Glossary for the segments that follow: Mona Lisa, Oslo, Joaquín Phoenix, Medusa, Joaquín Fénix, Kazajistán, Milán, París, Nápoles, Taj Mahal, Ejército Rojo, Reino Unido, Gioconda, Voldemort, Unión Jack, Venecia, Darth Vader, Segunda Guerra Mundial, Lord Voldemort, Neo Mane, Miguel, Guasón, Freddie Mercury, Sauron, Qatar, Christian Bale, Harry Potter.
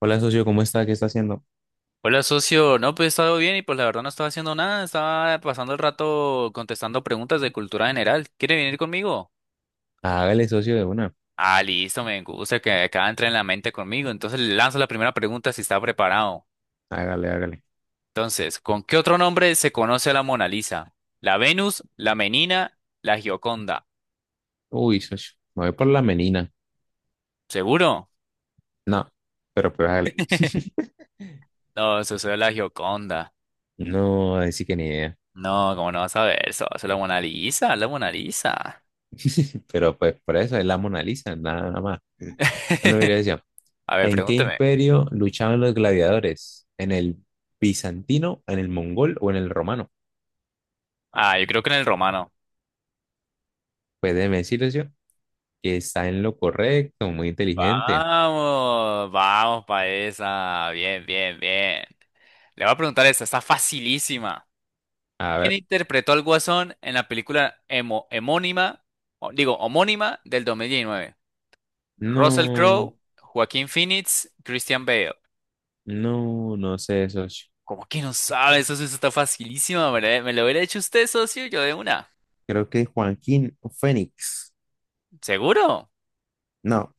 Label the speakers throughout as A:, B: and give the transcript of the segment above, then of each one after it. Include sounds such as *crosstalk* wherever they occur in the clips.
A: Hola, socio, ¿cómo está? ¿Qué está haciendo?
B: Hola, socio. No, pues he estado bien y pues la verdad no estaba haciendo nada. Estaba pasando el rato contestando preguntas de cultura general. ¿Quiere venir conmigo?
A: Hágale, socio, de una.
B: Ah, listo, me gusta que acaba de entrar en la mente conmigo. Entonces le lanzo la primera pregunta si está preparado.
A: Hágale, hágale.
B: Entonces, ¿con qué otro nombre se conoce a la Mona Lisa? ¿La Venus, la Menina, la Gioconda?
A: Uy, socio, me voy por la menina.
B: ¿Seguro?
A: No, pero pues hágale. *laughs*
B: No, socio, es la Gioconda.
A: No, así que ni idea.
B: No, ¿cómo no vas a ver eso? Es la Mona Lisa, la Mona Lisa.
A: Pero pues por eso es la Mona Lisa, nada más. Bueno, mire,
B: *laughs*
A: decía,
B: A ver,
A: ¿en qué
B: pregúnteme.
A: imperio luchaban los gladiadores? ¿En el bizantino, en el mongol o en el romano?
B: Ah, yo creo que en el romano.
A: Pues déjeme decirles yo que está en lo correcto, muy inteligente.
B: Vamos, vamos para esa. Bien, bien, bien. Le voy a preguntar esta, está facilísima.
A: A
B: ¿Quién
A: ver,
B: interpretó al Guasón en la película digo, homónima del 2019? Russell
A: no,
B: Crowe, Joaquín Phoenix, Christian Bale.
A: no sé, socio.
B: ¿Cómo que no sabe? Eso está facilísima. ¿Me lo hubiera hecho usted, socio? Yo de una.
A: Creo que Joaquín Fénix.
B: ¿Seguro?
A: No,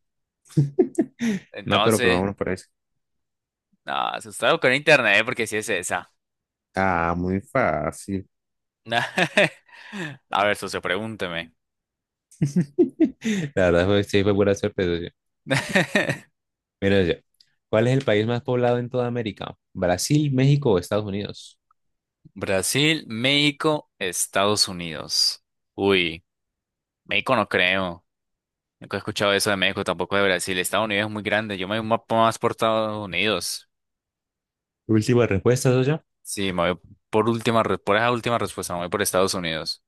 A: no, pero pues
B: Entonces,
A: vámonos por eso.
B: no, asustado con internet porque si es esa.
A: Ah, muy fácil.
B: *laughs* A ver, socio, pregúnteme.
A: *laughs* La verdad fue, sí, fue pura sorpresa, sí.
B: *laughs*
A: Mira, ya. ¿Cuál es el país más poblado en toda América? ¿Brasil, México o Estados Unidos?
B: Brasil, México, Estados Unidos. Uy, México no creo. Nunca he escuchado eso de México, tampoco de Brasil. Estados Unidos es muy grande. Yo me voy más por Estados Unidos.
A: Última respuesta, socio.
B: Sí, me voy por última, por esa última respuesta, me voy por Estados Unidos.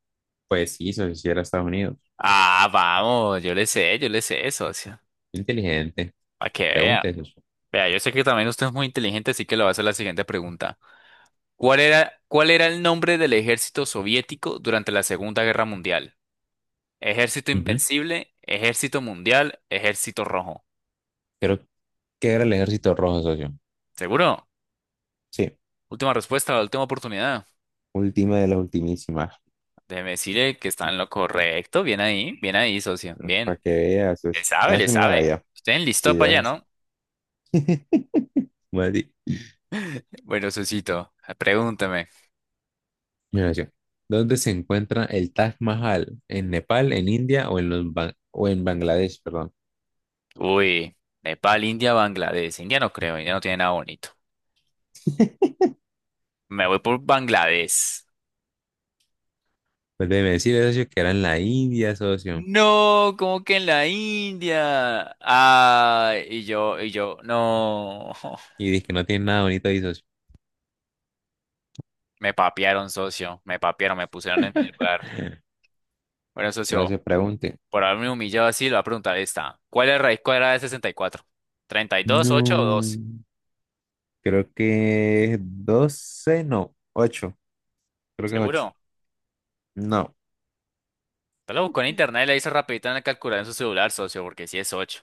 A: Pues sí, eso sí era Estados Unidos.
B: Ah, vamos, yo le sé, socio.
A: Inteligente.
B: Para que vea.
A: Pregúntese, socio.
B: Vea, yo sé que también usted es muy inteligente, así que le voy a hacer la siguiente pregunta. ¿Cuál era el nombre del ejército soviético durante la Segunda Guerra Mundial? Ejército
A: Ujú.
B: Invencible, Ejército Mundial, Ejército Rojo.
A: Creo que era el ejército rojo, socio.
B: ¿Seguro?
A: Sí,
B: Última respuesta, la última oportunidad.
A: última de las ultimísimas.
B: Déjeme decirle que está en lo correcto. Bien ahí, socio.
A: Para
B: Bien.
A: que veas,
B: Le
A: eso.
B: sabe,
A: Ah,
B: le
A: sí me las
B: sabe.
A: había.
B: Usted
A: Sí,
B: enlistó para
A: ya.
B: allá, ¿no?
A: *laughs* Bueno,
B: Bueno, socito, pregúntame.
A: mira yo. ¿Dónde se encuentra el Taj Mahal? ¿En Nepal, en India o en o en Bangladesh, perdón?
B: Uy, Nepal, India, Bangladesh. India no creo, India no tiene nada bonito. Me voy por Bangladesh.
A: Pues debe decir, socio, que era en la India, socio.
B: No, como que en la India. Ah, y yo, no.
A: Y dice que no tiene nada bonito ahí, socio.
B: Me papearon, socio. Me papearon, me pusieron en mi lugar.
A: *laughs*
B: Bueno,
A: No
B: socio,
A: se pregunte.
B: por haberme humillado así, le voy a preguntar esta. ¿Cuál es la raíz cuadrada de 64? 32, ocho o
A: No.
B: 2?
A: Creo que es 12, no, 8. Creo que es 8.
B: ¿Seguro?
A: No,
B: Te lo buscó en internet y le hizo rapidito en el calculador en su celular, socio, porque si es 8.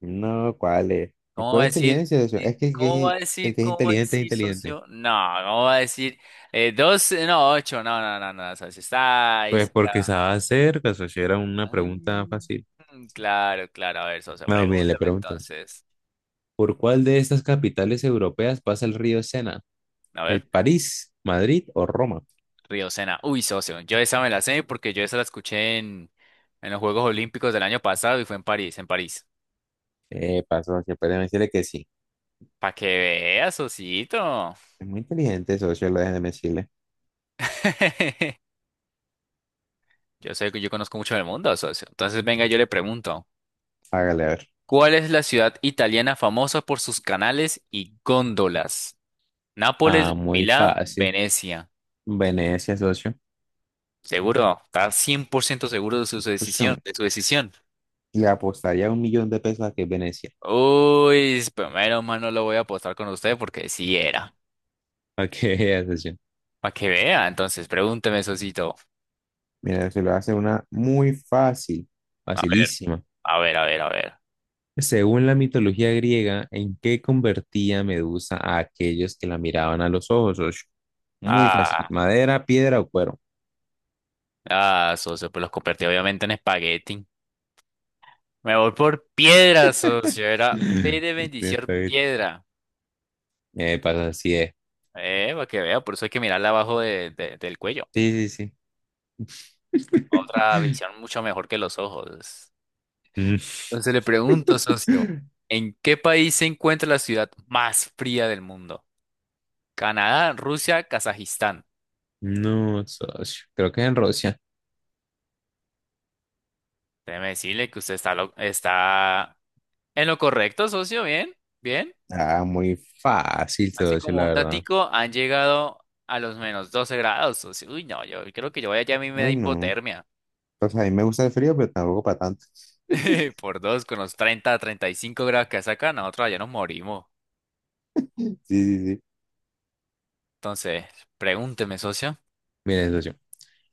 A: no, ¿cuál es? Es
B: ¿Cómo va a
A: pura
B: decir?
A: inteligencia, socio. Es que
B: ¿Cómo va a
A: el
B: decir?
A: que es
B: ¿Cómo va a
A: inteligente es
B: decir,
A: inteligente.
B: socio? No, ¿cómo va a decir? 2, no, 8. No, no, no, no, socio. Está ahí,
A: Pues
B: sí, ya.
A: porque sabe hacer, socio, era una pregunta
B: Mm,
A: fácil.
B: claro, claro. A ver, socio,
A: No, miren, le
B: pregúntame
A: pregunto.
B: entonces.
A: ¿Por cuál de estas capitales europeas pasa el río Sena?
B: A
A: ¿El
B: ver.
A: París, Madrid o Roma?
B: Riocena. Uy, socio. Yo esa me la sé porque yo esa la escuché en los Juegos Olímpicos del año pasado y fue en París, en París.
A: Pasó, que pueden decirle que sí.
B: Para que veas, socito.
A: Es muy inteligente, socio, lo dejen de decirle.
B: *laughs* Yo sé que yo conozco mucho del mundo, socio. Entonces, venga, yo le pregunto.
A: Hágale a ver.
B: ¿Cuál es la ciudad italiana famosa por sus canales y góndolas? Nápoles,
A: Ah, muy
B: Milán,
A: fácil.
B: Venecia.
A: Venecia, socio.
B: ¿Seguro? ¿Está 100% seguro de su decisión?
A: Socio,
B: De su decisión.
A: le apostaría $1.000.000 a que es Venecia.
B: Uy, pues, primero, mano, lo voy a apostar con usted porque sí era.
A: *laughs* ¿A que vea, socio?
B: Para que vea, entonces, pregúnteme, Sosito.
A: Mira, se lo hace una muy fácil.
B: A ver,
A: Facilísima.
B: a ver, a ver, a ver.
A: Según la mitología griega, ¿en qué convertía Medusa a aquellos que la miraban a los ojos, socio? Muy fácil.
B: Ah,
A: ¿Madera, piedra o cuero?
B: ah, socio, pues los convertí obviamente en espagueti. Me voy por piedra, socio. Era P de
A: Y tiene
B: bendición
A: espagueti.
B: piedra.
A: Pasa así es.
B: Para que vea, por eso hay que mirarla abajo del cuello.
A: Sí, sí, sí. *laughs*
B: Otra visión mucho mejor que los ojos.
A: Mm,
B: Entonces le pregunto, socio, ¿en qué país se encuentra la ciudad más fría del mundo? Canadá, Rusia, Kazajistán.
A: no, socio. Creo que es en Rusia.
B: Déjeme decirle que usted está, está en lo correcto, socio, bien, bien.
A: Ah, muy fácil,
B: Así
A: socio,
B: como
A: la
B: un
A: verdad.
B: datico, han llegado a los -12 grados, socio. Uy, no, yo creo que yo voy allá a mí me da
A: Uy, no.
B: hipotermia.
A: Pues a mí me gusta el frío, pero tampoco para tanto. *laughs*
B: *laughs* Por dos, con los 35 grados que sacan, nosotros allá nos morimos.
A: Sí, sí, sí.
B: Entonces, pregúnteme, socio.
A: Mire, socio.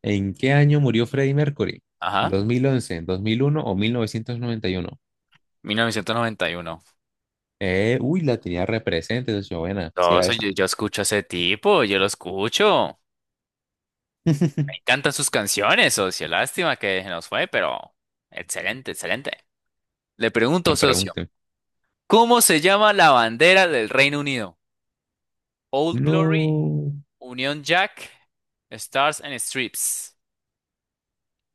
A: ¿En qué año murió Freddie Mercury?
B: Ajá,
A: 2011, 2001 o 1991.
B: 1991.
A: Uy, la tenía represente, socio. Buena, si
B: No,
A: era esa.
B: socio, yo escucho a ese tipo, yo lo escucho. Me
A: *laughs*
B: encantan sus canciones, socio. Lástima que se nos fue, pero excelente, excelente. Le pregunto,
A: No
B: socio,
A: pregunten.
B: ¿cómo se llama la bandera del Reino Unido? Old Glory,
A: No.
B: Unión Jack, Stars and Strips.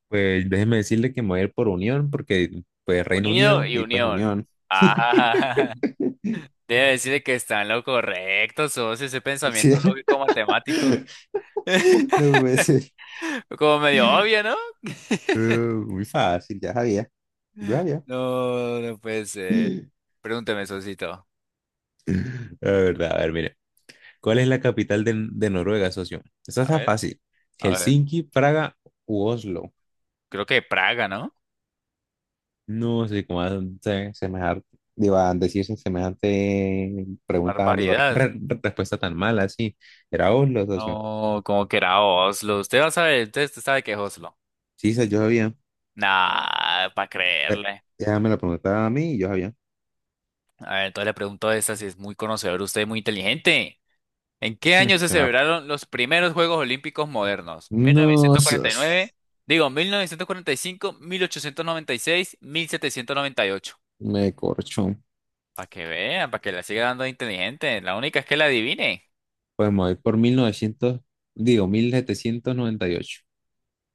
A: Pues déjeme decirle que me voy a ir por Unión, porque pues Reino
B: Unido
A: Unido
B: y
A: y pues
B: Unión.
A: Unión.
B: Ah,
A: *laughs*
B: *laughs* debe decirle que está en lo correcto, sos ese
A: Sí,
B: pensamiento lógico matemático. *laughs*
A: no puede ser.
B: Como medio obvio, ¿no?
A: Muy fácil, ya sabía.
B: No, no puede ser. Pregúnteme, Sosito.
A: La verdad, a ver, mire. ¿Cuál es la capital de Noruega, socio? Esa
B: A
A: está
B: ver,
A: fácil.
B: a ver.
A: Helsinki, Praga u Oslo.
B: Creo que Praga, ¿no?
A: No sé cómo hacen se- semejante, digo, a decirse semejante pregunta, digo,
B: Barbaridad.
A: respuesta tan mala, sí. Era Oslo, socio.
B: No, como que era Oslo. Usted va a saber, usted sabe que es Oslo.
A: Sí, yo sabía.
B: Nah, para
A: Eh,
B: creerle.
A: Ella me la preguntaba a mí y yo sabía.
B: A ver, entonces le pregunto a esta si es muy conocedor, usted es muy inteligente. ¿En qué
A: Mm,
B: año se
A: que me la-
B: celebraron los primeros Juegos Olímpicos modernos?
A: No,
B: ¿1949? Digo, 1945, 1896, 1798.
A: me corchó.
B: Para que vean, para que la siga dando de inteligente. La única es que la adivine.
A: Pues me voy por 1900, digo, 1798.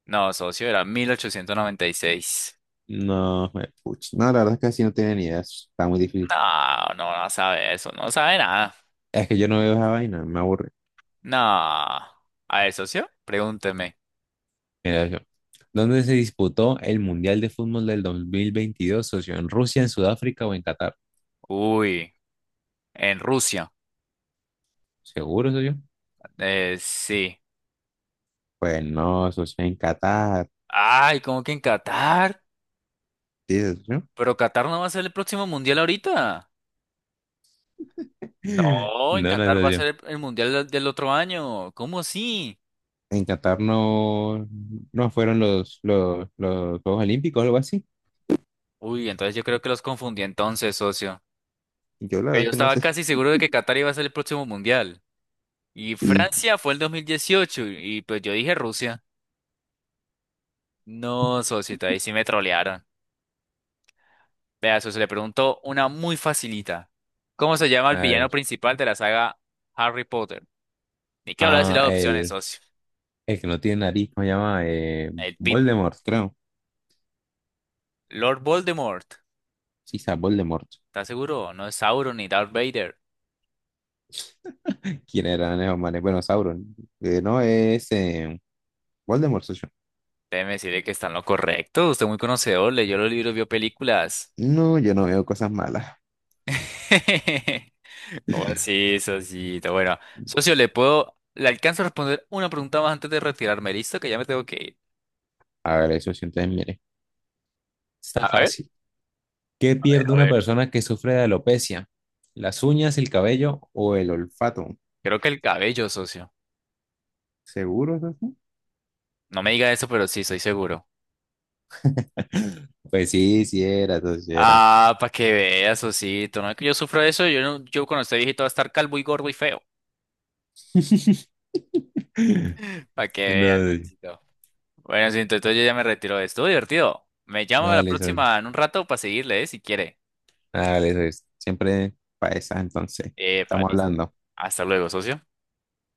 B: No, socio, era 1896.
A: No, me puch. No, la verdad es que así no tenía ni idea. Está muy difícil.
B: No, no, no sabe eso, no sabe nada.
A: Es que yo no veo esa vaina, me aburre.
B: No. A ver, socio, pregúnteme.
A: Mira yo. ¿Dónde se disputó el Mundial de Fútbol del 2022, socio? ¿En Rusia, en Sudáfrica o en Qatar?
B: Uy, en Rusia.
A: ¿Seguro, socio?
B: Sí.
A: Pues no, socio, en Qatar.
B: Ay, ¿cómo que en Qatar?
A: ¿Sí, socio?
B: Pero Qatar no va a ser el próximo mundial ahorita.
A: *laughs*
B: No, en
A: No, no,
B: Qatar va a ser
A: socio.
B: el mundial del otro año. ¿Cómo así?
A: En Qatar no, no fueron los Juegos Olímpicos o algo así.
B: Uy, entonces yo creo que los confundí entonces, socio.
A: Yo la
B: Que
A: verdad
B: yo
A: es que no
B: estaba
A: sé.
B: casi seguro de que Qatar iba a ser el próximo mundial. Y
A: Mm.
B: Francia fue el 2018 y pues yo dije Rusia. No, socio, ahí sí me trolearon. Vea, socio, le pregunto una muy facilita. ¿Cómo se llama
A: A
B: el
A: ver.
B: villano principal de la saga Harry Potter? Ni que hablar de
A: Ah,
B: las opciones, socio.
A: el que no tiene nariz, ¿cómo se llama?
B: El Pitbull.
A: Voldemort, creo.
B: Lord Voldemort.
A: Sí, Sa Voldemort.
B: ¿Está seguro? No es Sauron ni Darth Vader.
A: *laughs* ¿Quién era Neo Mane? Bueno, Sauron. No, es Voldemort, soy yo.
B: Déjeme decirle que está en lo correcto. Usted es muy conocedor, leyó los libros, vio películas.
A: No, yo no veo cosas malas.
B: *laughs* ¿Cómo así, socito? Bueno, socio, le alcanzo a responder una pregunta más antes de retirarme, ¿listo? Que ya me tengo que ir.
A: A ver, eso sí, entonces mire. Está
B: A ver,
A: fácil. ¿Qué
B: a ver,
A: pierde
B: a
A: una
B: ver.
A: persona que sufre de alopecia? ¿Las uñas, el cabello o el olfato?
B: Creo que el cabello, socio.
A: ¿Seguro?
B: No me diga eso, pero sí, estoy seguro.
A: *laughs* Pues sí, sí era, socio, sí era.
B: Ah, para que vea, socito. No es que yo sufro de eso. Yo, yo cuando esté viejito va a estar calvo y gordo y feo.
A: *laughs*
B: Para que vea,
A: No,
B: socito. Bueno, sí, entonces yo ya me retiro. Estuvo divertido. Me llamo a la
A: hágale eso,
B: próxima en un rato para seguirle, ¿eh? Si quiere.
A: hágale eso. Siempre para esa entonces.
B: Epa,
A: Estamos
B: listo.
A: hablando.
B: Hasta luego, socio.